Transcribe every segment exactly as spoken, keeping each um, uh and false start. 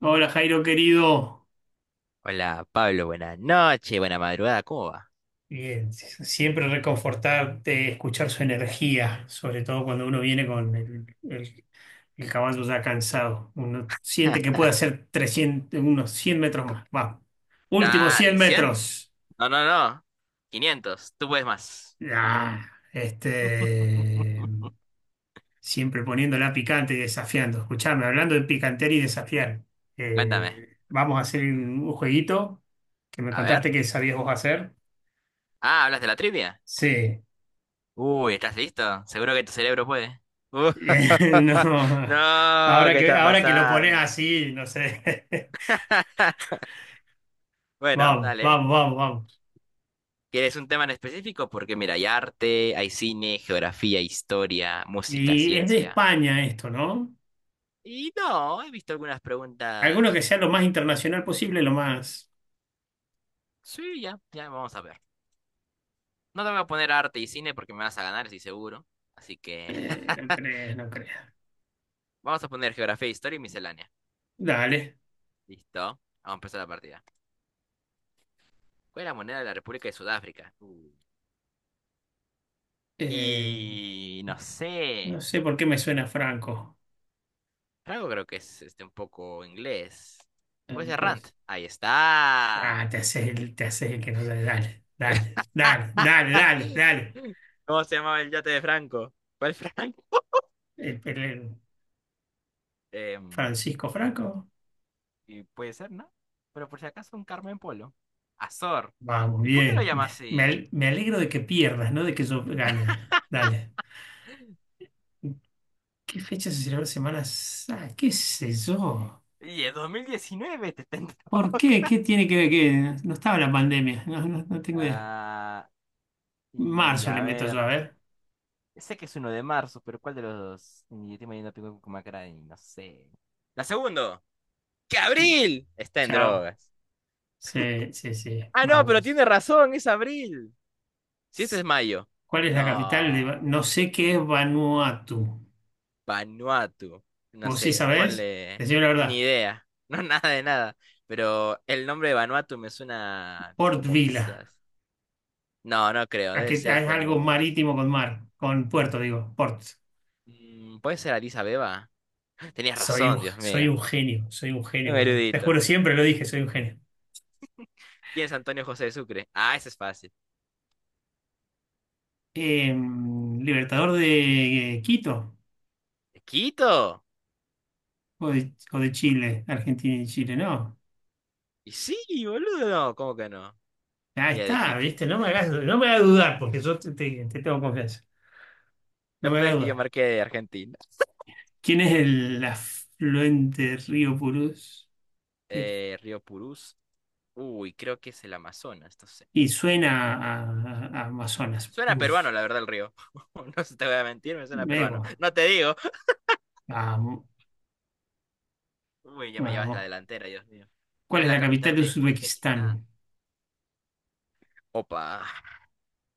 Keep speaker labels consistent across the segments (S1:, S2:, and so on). S1: Hola Jairo querido,
S2: Hola, Pablo, buenas noches, buena madrugada, ¿cómo va?
S1: Eh, siempre reconfortarte, escuchar su energía, sobre todo cuando uno viene con el, el- el caballo ya cansado. Uno siente que puede hacer trescientos unos cien metros más. Vamos, últimos cien
S2: Dale, cien,
S1: metros.
S2: no, no, no. Quinientos. Tú puedes más.
S1: Ah, este, siempre poniéndola picante y desafiando. Escuchame, hablando de picantear y desafiar.
S2: Cuéntame.
S1: Eh, vamos a hacer un un jueguito que me
S2: A ver.
S1: contaste que sabías vos hacer.
S2: Ah, ¿hablas de la trivia?
S1: Sí.
S2: Uy, ¿estás listo? Seguro que tu cerebro puede. Uh,
S1: No.
S2: no,
S1: Ahora
S2: ¿qué
S1: que,
S2: está
S1: ahora que lo pones
S2: pasando?
S1: así, no sé.
S2: Bueno,
S1: Vamos,
S2: dale.
S1: vamos, vamos, vamos.
S2: ¿Quieres un tema en específico? Porque mira, hay arte, hay cine, geografía, historia, música,
S1: Y es de
S2: ciencia.
S1: España esto, ¿no?
S2: Y no, he visto algunas
S1: Alguno
S2: preguntas.
S1: que sea lo más internacional posible, lo más...
S2: Sí, ya, ya vamos a ver. No te voy a poner arte y cine porque me vas a ganar, estoy seguro. Así que
S1: Eh, no crees, no creas.
S2: vamos a poner geografía, historia y miscelánea.
S1: Dale.
S2: Listo. Vamos a empezar la partida. ¿Cuál es la moneda de la República de Sudáfrica? Uh.
S1: Eh,
S2: Y no
S1: no
S2: sé.
S1: sé por qué me suena Franco.
S2: Franco creo que es este un poco inglés.
S1: Eh,
S2: Voy a ser Rand.
S1: Pues...
S2: Ahí está.
S1: Ah, te haces el, te haces el que no sabe. Dale, dale, dale, dale, dale, dale.
S2: ¿Cómo se llamaba el yate de Franco? ¿Cuál Franco?
S1: El- el- el
S2: Em,
S1: Francisco Franco.
S2: y puede ser, ¿no? Pero por si acaso un Carmen Polo. Azor.
S1: Vamos,
S2: ¿Y por qué lo
S1: bien.
S2: llamas
S1: Me, me
S2: así?
S1: al- me alegro de que pierdas, no de que yo gane. Dale. ¿Qué fecha se celebra Semana Santa? ¿Qué sé yo?
S2: Y es dos mil diecinueve, te está en
S1: ¿Por qué?
S2: toca.
S1: ¿Qué tiene que ver? Que No estaba la pandemia. No, no, no tengo idea.
S2: Ah, y
S1: Marzo le
S2: a
S1: meto yo, a
S2: ver.
S1: ver.
S2: Sé que es uno de marzo, pero ¿cuál de los dos? Y estoy mañana tengo con Macrani, no sé. La segunda, que abril está en
S1: Chao.
S2: drogas.
S1: Sí, sí, sí.
S2: Ah, no, pero
S1: Vamos.
S2: tiene razón, es abril. Si este es mayo.
S1: ¿Cuál es la capital de... Va-
S2: No,
S1: No sé qué es Vanuatu.
S2: Vanuatu. No
S1: ¿Vos sí
S2: sé,
S1: sabés?
S2: ponle
S1: Decime la
S2: ni
S1: verdad.
S2: idea. No, nada de nada. Pero el nombre de Vanuatu me suena
S1: Port
S2: como
S1: Vila.
S2: quizás. No, no creo,
S1: ¿A
S2: debe
S1: qué- a-
S2: ser
S1: es algo
S2: como
S1: marítimo con mar. Con puerto, digo. Port.
S2: mm, puede ser Addis Abeba. Tenías
S1: Soy un,
S2: razón, Dios
S1: soy
S2: mío.
S1: un genio, soy un genio,
S2: Un
S1: boludo. Te
S2: erudito.
S1: juro, siempre lo dije, soy un genio.
S2: ¿Quién es Antonio José de Sucre? Ah, ese es fácil.
S1: Eh, Libertador de eh, Quito
S2: ¿De Quito?
S1: o de, o de Chile, Argentina y Chile, no.
S2: Y sí, boludo, no, ¿cómo que no?
S1: Ahí
S2: Y de
S1: está,
S2: Quito.
S1: viste, no me hagas, no me hagas dudar, porque yo te, te- te tengo confianza. No
S2: Lo
S1: me
S2: peor
S1: hagas
S2: es que yo
S1: dudar.
S2: marqué de Argentina.
S1: ¿Quién es el afluente río Purús? ¿De quién?
S2: Eh, Río Purús. Uy, creo que es el Amazonas, no sé.
S1: Y suena a, a- a Amazonas,
S2: Suena peruano,
S1: Purús.
S2: la verdad, el río. No se te voy a mentir, me suena peruano.
S1: Luego.
S2: No te digo.
S1: Vamos,
S2: Uy, ya me llevas la
S1: vamos.
S2: delantera, Dios mío. ¿Cuál
S1: ¿Cuál
S2: es
S1: es
S2: la
S1: la capital
S2: capital
S1: de
S2: de Uzbekistán?
S1: Uzbekistán?
S2: Opa.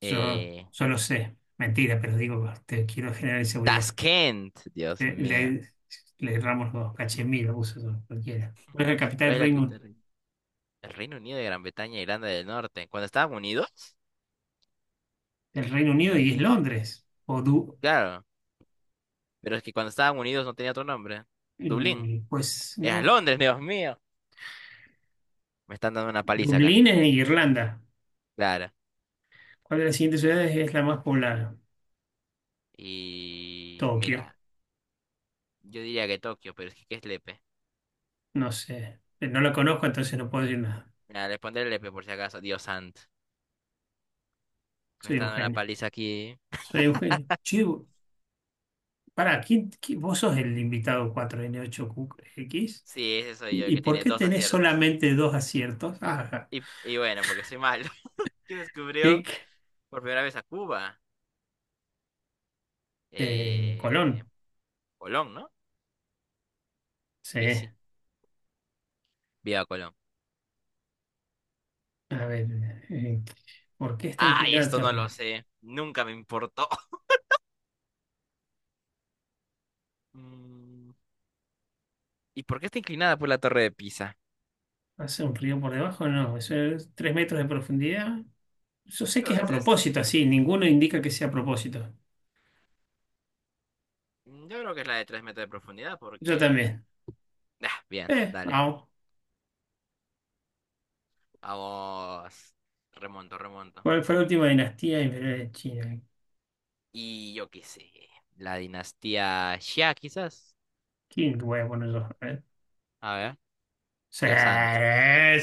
S1: Yo,
S2: Eh,
S1: yo lo sé, mentira, pero digo, te quiero generar inseguridad.
S2: Tashkent, Dios
S1: Le,
S2: mío.
S1: le, Le erramos los dos, Cachemira, uso eso, cualquiera. ¿Cuál es la capital
S2: ¿Cuál
S1: del
S2: es la
S1: Reino,
S2: capital? Del El Reino Unido de Gran Bretaña e Irlanda del Norte. Cuando estaban unidos,
S1: del Reino Unido? Y es
S2: y
S1: Londres. O Du-
S2: claro, pero es que cuando estaban unidos no tenía otro nombre. Dublín.
S1: mm, pues
S2: Era
S1: no,
S2: Londres, Dios mío. Me están dando una paliza acá.
S1: Dublín es en Irlanda.
S2: Claro.
S1: ¿Cuál de las siguientes ciudades es la más poblada?
S2: Y
S1: Tokio,
S2: mira, yo diría que Tokio, pero es que ¿qué es Lepe?
S1: no sé. No la conozco, entonces no puedo decir nada.
S2: Mira, le pondré Lepe por si acaso. Dios santo. Me
S1: Soy
S2: están
S1: un
S2: dando una
S1: genio.
S2: paliza aquí.
S1: Soy un genio. Che, pará, ¿quién, quién- vos sos el invitado cuatro n ocho x.
S2: Sí, ese soy yo,
S1: ¿Y,
S2: el
S1: y
S2: que
S1: por
S2: tiene
S1: qué
S2: dos
S1: tenés
S2: aciertos.
S1: solamente dos aciertos? Ajá.
S2: Y, y bueno, porque soy malo. ¿Quién descubrió
S1: Clic,
S2: por primera vez a Cuba?
S1: eh,
S2: Eh,
S1: Colón.
S2: Colón, ¿no?
S1: Sí.
S2: Y sí, viva Colón.
S1: A ver, eh, ¿por qué está
S2: Ay,
S1: inclinada la
S2: esto no lo
S1: torre?
S2: sé. Nunca me importó. Mm, ¿y por qué está inclinada por la torre de Pisa?
S1: ¿Hace un río por debajo? No, eso es tres metros de profundidad. Yo
S2: Yo
S1: sé que
S2: creo que
S1: es a
S2: es esa.
S1: propósito, así. Ninguno indica que sea a propósito.
S2: Mm, yo creo que es la de tres metros de profundidad
S1: Yo
S2: porque...
S1: también.
S2: Ah, bien,
S1: Eh,
S2: dale.
S1: vamos.
S2: Vamos. Remonto, remonto.
S1: ¿Cuál fue la última dinastía imperial de China?
S2: Y yo qué sé. La dinastía Xia, quizás.
S1: ¿Quién voy a poner yo? A ver.
S2: A ver,
S1: Sí,
S2: Dios santo.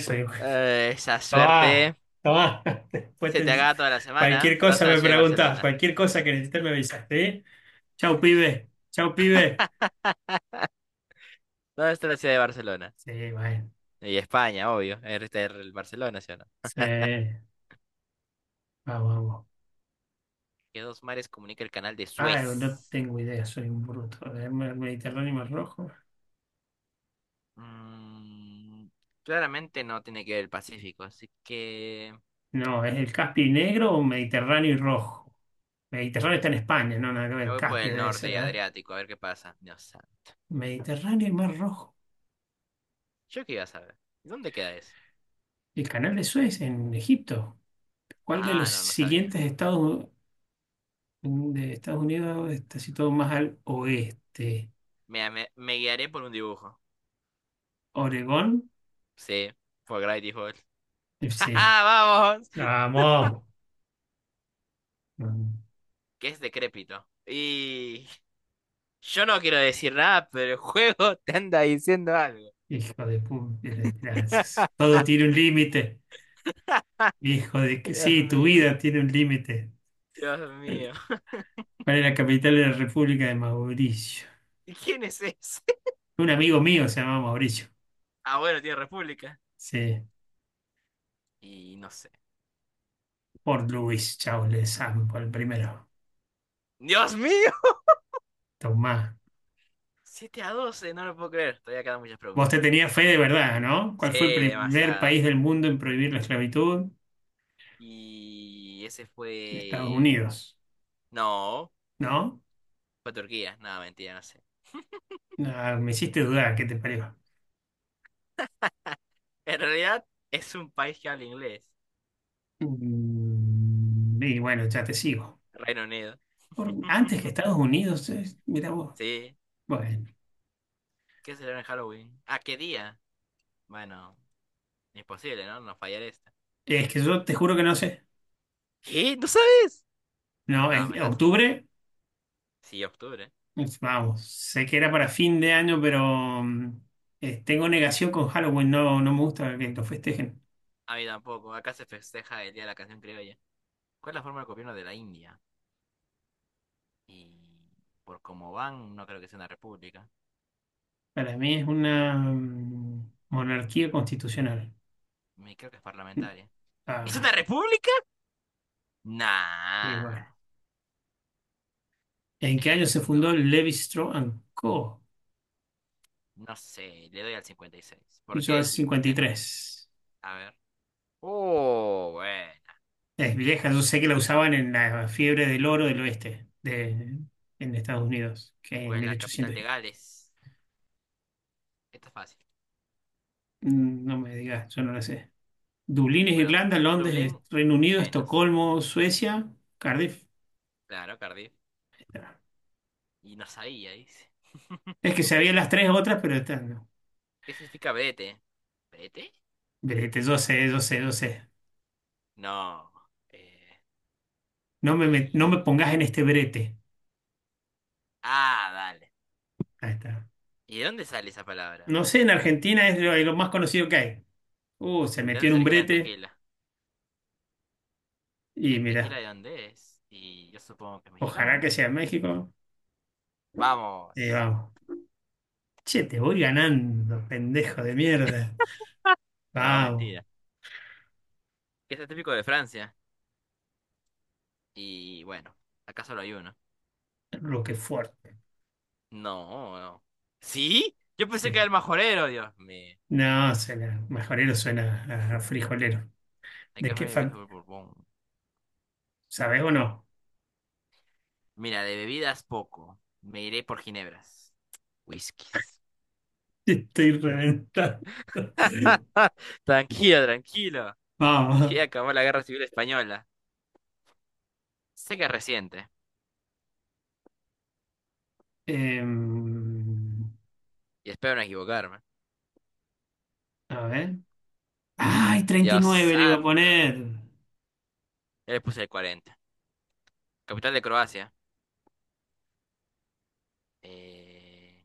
S1: soy
S2: Eh, esa
S1: Tomá,
S2: suerte
S1: tomá. Después
S2: se
S1: te-
S2: te haga toda la semana.
S1: Cualquier
S2: ¿Dónde
S1: cosa
S2: está la
S1: me
S2: ciudad de
S1: preguntás,
S2: Barcelona?
S1: cualquier cosa que necesites me avisas, ¿sí? Chau, pibe. Chau, pibe.
S2: ¿Dónde está la ciudad de Barcelona?
S1: Sí, bueno.
S2: Y España, obvio. Este es el Barcelona, ¿sí o no?
S1: Sí. Vamos, vamos.
S2: ¿Qué dos mares comunica el canal de
S1: Ah, no
S2: Suez?
S1: tengo idea, soy un bruto. ¿Es mer- Mediterráneo y Mar Rojo?
S2: Mm, claramente no tiene que ver el Pacífico, así que
S1: No, ¿es el Caspio y negro o Mediterráneo y rojo? Mediterráneo está en España, no, nada que
S2: me
S1: ver.
S2: voy por el
S1: Caspio debe
S2: norte
S1: ser,
S2: y
S1: a ver.
S2: Adriático, a ver qué pasa. No sabe.
S1: Mediterráneo y Mar Rojo.
S2: ¿Yo qué iba a saber? ¿Dónde queda eso?
S1: El canal de Suez en Egipto. ¿Cuál de los
S2: Ah, no, no sabía.
S1: siguientes estados? De Estados Unidos está situado más al oeste.
S2: Mira, me, me guiaré por un dibujo.
S1: Oregón,
S2: Sí, por Gravity Falls.
S1: eh,
S2: ¡Ja,
S1: sí.
S2: ja! ¡Vamos!
S1: Vamos. Mm,
S2: Que es decrépito. Y yo no quiero decir nada, pero el juego te anda diciendo algo.
S1: Hijo de pu- de esperanzas. Todo tiene un límite. Hijo de que
S2: Dios
S1: sí, tu
S2: mío,
S1: vida tiene un límite.
S2: Dios mío.
S1: ¿Cuál es la capital de la República de Mauricio?
S2: ¿Y quién es ese?
S1: Un amigo mío se llama Mauricio.
S2: Ah, bueno, tiene República.
S1: Sí,
S2: Y no sé.
S1: por Luis Charles Sampo, el primero.
S2: ¡Dios mío!
S1: Tomás.
S2: Siete a doce no lo puedo creer. Todavía quedan muchas
S1: Vos te
S2: preguntas.
S1: tenías fe de verdad, ¿no? ¿Cuál
S2: Sí,
S1: fue el primer
S2: demasiada.
S1: país del mundo en prohibir la esclavitud?
S2: Y ese
S1: Estados
S2: fue...
S1: Unidos,
S2: No,
S1: ¿no?
S2: fue Turquía. No, mentira, no sé.
S1: Ah, me hiciste dudar, ¿qué te pareció?
S2: En realidad es un país que habla inglés.
S1: Mm, y bueno, ya te sigo.
S2: Reino Unido.
S1: Por- antes que Estados Unidos, es- mira vos.
S2: Sí.
S1: Bueno,
S2: ¿Qué será en Halloween? ¿A qué día? Bueno, imposible, ¿no? No fallar esta.
S1: es que yo te juro que no sé.
S2: ¿Qué? ¿No sabes?
S1: No,
S2: No,
S1: es
S2: me estás...
S1: octubre,
S2: Sí, octubre.
S1: es- vamos, sé que era para fin de año, pero mm, eh, tengo negación con Halloween, no, no me gusta que lo festejen.
S2: A mí tampoco. Acá se festeja el Día de la Canción Criolla. ¿Cuál es la forma de gobierno de la India? Y por cómo van, no creo que sea una república.
S1: Para mí es una mm, monarquía constitucional.
S2: Me creo que es
S1: Mm,
S2: parlamentaria. ¿Es
S1: Ah,
S2: una república?
S1: y
S2: Nah.
S1: bueno. ¿En
S2: ¿En
S1: qué
S2: qué año
S1: año
S2: se
S1: se fundó
S2: fundó?
S1: Levi Strauss and Co?
S2: No sé, le doy al cincuenta y seis. ¿Por
S1: Yo al
S2: qué y por qué no?
S1: tres.
S2: A ver. Oh, bueno.
S1: Es vieja, yo sé que la usaban en la fiebre del oro del oeste, de, en Estados Unidos, que en
S2: ¿Cuál es la capital
S1: mil ochocientos y
S2: de
S1: pico.
S2: Gales? Esto es fácil.
S1: Mm, No me digas, yo no la sé. Dublín es
S2: Bueno,
S1: Irlanda, Londres
S2: Dublín,
S1: es Reino Unido,
S2: menos.
S1: Estocolmo, Suecia, Cardiff.
S2: Claro, Cardiff.
S1: Está.
S2: Y no sabía, dice.
S1: Es que sabía las tres otras, pero estas no.
S2: ¿Qué significa vete? ¿Vete?
S1: Brete, yo sé, yo sé, yo sé.
S2: No. Eh,
S1: No me, met- no me
S2: y...
S1: pongas en este brete.
S2: Ah, dale.
S1: Ahí está.
S2: ¿Y de dónde sale esa palabra?
S1: No sé, en
S2: Dios.
S1: Argentina es lo, lo más conocido que hay. Uh, se
S2: ¿De
S1: metió
S2: dónde
S1: en
S2: se
S1: un
S2: origina el
S1: brete
S2: tequila?
S1: y
S2: ¿El tequila
S1: mira,
S2: de dónde es? Y yo supongo que es mexicano,
S1: ojalá que
S2: ¿no?
S1: sea México. Y
S2: Vamos.
S1: vamos. Che, te voy ganando, pendejo de mierda.
S2: No,
S1: Vamos,
S2: mentira. Este es típico de Francia. Y bueno, acá solo hay uno.
S1: Roquefort.
S2: No, no. ¿Sí? Yo pensé que era
S1: Sí.
S2: el majorero, Dios mío.
S1: No, suena, majorero suena a frijolero.
S2: Hay
S1: ¿De
S2: que me
S1: qué
S2: bebidas
S1: fan?
S2: por Borbón.
S1: ¿Sabés o no?
S2: Mira, de bebidas poco. Me iré por ginebras. Whiskies.
S1: Te Estoy reventando.
S2: Ah, tranquilo, tranquilo.
S1: Vamos.
S2: Que acabó la guerra civil española. Sé que es reciente.
S1: Em,
S2: Y espero no equivocarme.
S1: a ver. ¡Ay,
S2: Dios
S1: treinta y nueve le iba a
S2: santo.
S1: poner!
S2: ¿Ya le puse el cuarenta? Capital de Croacia. Eh,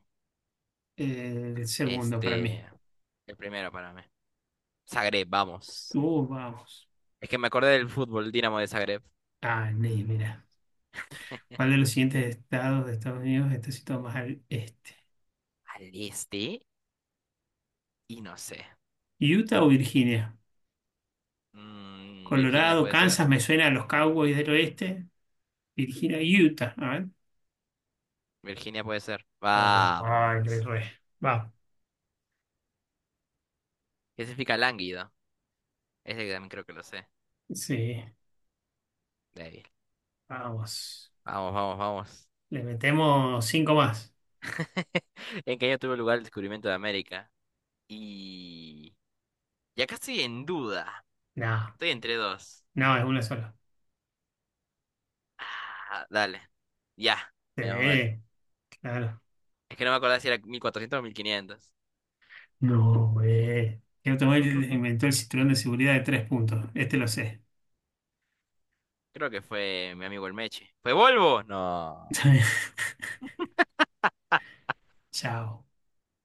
S1: Eh, el segundo para
S2: este,
S1: mí.
S2: el primero para mí. Zagreb, vamos.
S1: Uh, vamos.
S2: Es que me acordé del fútbol, Dinamo de Zagreb.
S1: Ah, ni, mira. ¿Cuál de los siguientes estados de Estados Unidos está situado más al este?
S2: Al este y no sé.
S1: ¿Utah o Virginia?
S2: Mm, Virginia
S1: Colorado,
S2: puede ser.
S1: Kansas, me suena a los Cowboys del Oeste. Virginia, Utah. A ver.
S2: Virginia puede ser.
S1: Oh, ay, re,
S2: Vamos.
S1: re. Va.
S2: ¿Qué significa lánguido? Ese que también creo que lo sé.
S1: Sí,
S2: Débil.
S1: vamos.
S2: Vamos, vamos, vamos.
S1: Le metemos cinco más.
S2: ¿En qué año tuvo lugar el descubrimiento de América? Y... Y acá estoy en duda.
S1: No,
S2: Estoy entre dos.
S1: no, es una sola.
S2: Ah, dale. Ya. Menos mal.
S1: Sí, claro.
S2: Es que no me acordaba si era mil cuatrocientos o mil quinientos.
S1: No, güey. ¿Qué automóvil inventó el cinturón de seguridad de tres puntos? Este lo sé.
S2: Creo que fue mi amigo el Meche. ¿Fue Volvo? No.
S1: Chao.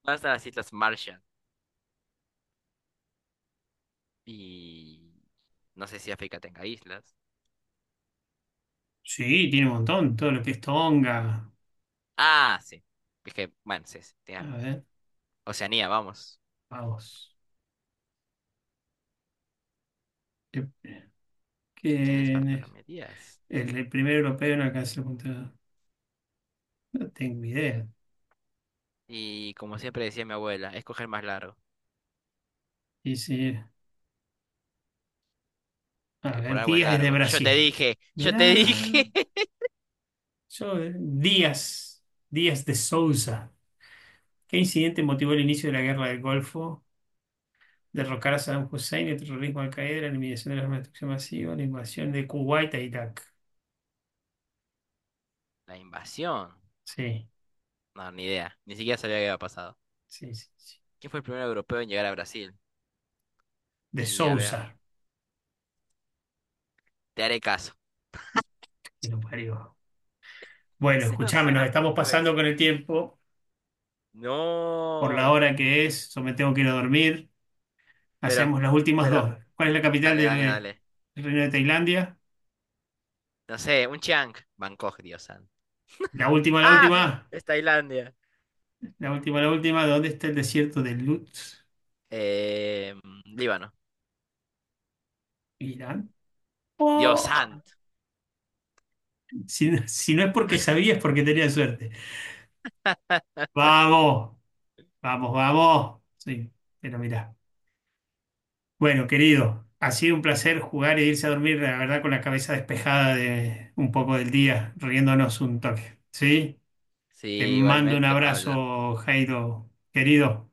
S2: ¿Dónde están las Islas Marshall? Y... No sé si África tenga islas.
S1: Sí, tiene un montón. Todo lo que es Tonga.
S2: Ah, sí. Es que, bueno, sí, sí,
S1: A
S2: tienes razón.
S1: ver,
S2: Oceanía, vamos.
S1: vamos.
S2: ¿Quién es
S1: ¿Quién es?
S2: Bartolomé Díaz?
S1: El, el primer europeo en alcanzar la punta. No tengo idea.
S2: Y como siempre decía mi abuela, es coger más largo,
S1: Sí, sí. A
S2: que por
S1: ver,
S2: algo es
S1: Díaz es de
S2: largo. Yo te
S1: Brasil.
S2: dije, yo te
S1: Mirá,
S2: dije.
S1: yo, eh, Díaz, Díaz de Souza. ¿Qué incidente motivó el inicio de la guerra del Golfo? Derrocar a Saddam Hussein, el terrorismo de Al-Qaeda, la eliminación de las armas de destrucción masiva, la invasión de Kuwait a Irak.
S2: La invasión.
S1: Sí,
S2: No, ni idea. Ni siquiera sabía qué había pasado.
S1: sí, sí. sí.
S2: ¿Quién fue el primer europeo en llegar a Brasil?
S1: De
S2: Y a ver,
S1: Sousa
S2: te haré caso.
S1: que lo parió. Bueno,
S2: Ese no
S1: escuchame, nos
S2: suena
S1: estamos pasando
S2: portugués.
S1: con el tiempo, por la
S2: No.
S1: hora que es, yo me tengo que ir a dormir.
S2: Pero,
S1: Hacemos las últimas
S2: pero.
S1: dos. ¿Cuál es la capital
S2: Dale, dale,
S1: del
S2: dale.
S1: Reino de Tailandia?
S2: No sé, un Chiang. Bangkok, Dios santo.
S1: La última, la
S2: ¡Ah!
S1: última.
S2: Es Tailandia.
S1: La última, la última, ¿dónde está el desierto de Lutz?
S2: Eh, Líbano.
S1: Irán.
S2: Dios
S1: ¡Oh!
S2: santo.
S1: Si, no si no es porque sabías, es porque tenía suerte. Vamos, vamos, vamos. Sí, pero mirá. Bueno, querido, ha sido un placer jugar e irse a dormir, la verdad, con la cabeza despejada de un poco del día, riéndonos un toque. ¿Sí? Te
S2: Sí,
S1: mando un
S2: igualmente, Pablo.
S1: abrazo, Jairo, querido.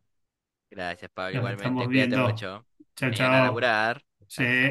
S2: Gracias, Pablo,
S1: Nos estamos
S2: igualmente. Cuídate
S1: viendo.
S2: mucho.
S1: Chao,
S2: Mañana a
S1: chao.
S2: laburar.
S1: Sí.
S2: Descansa.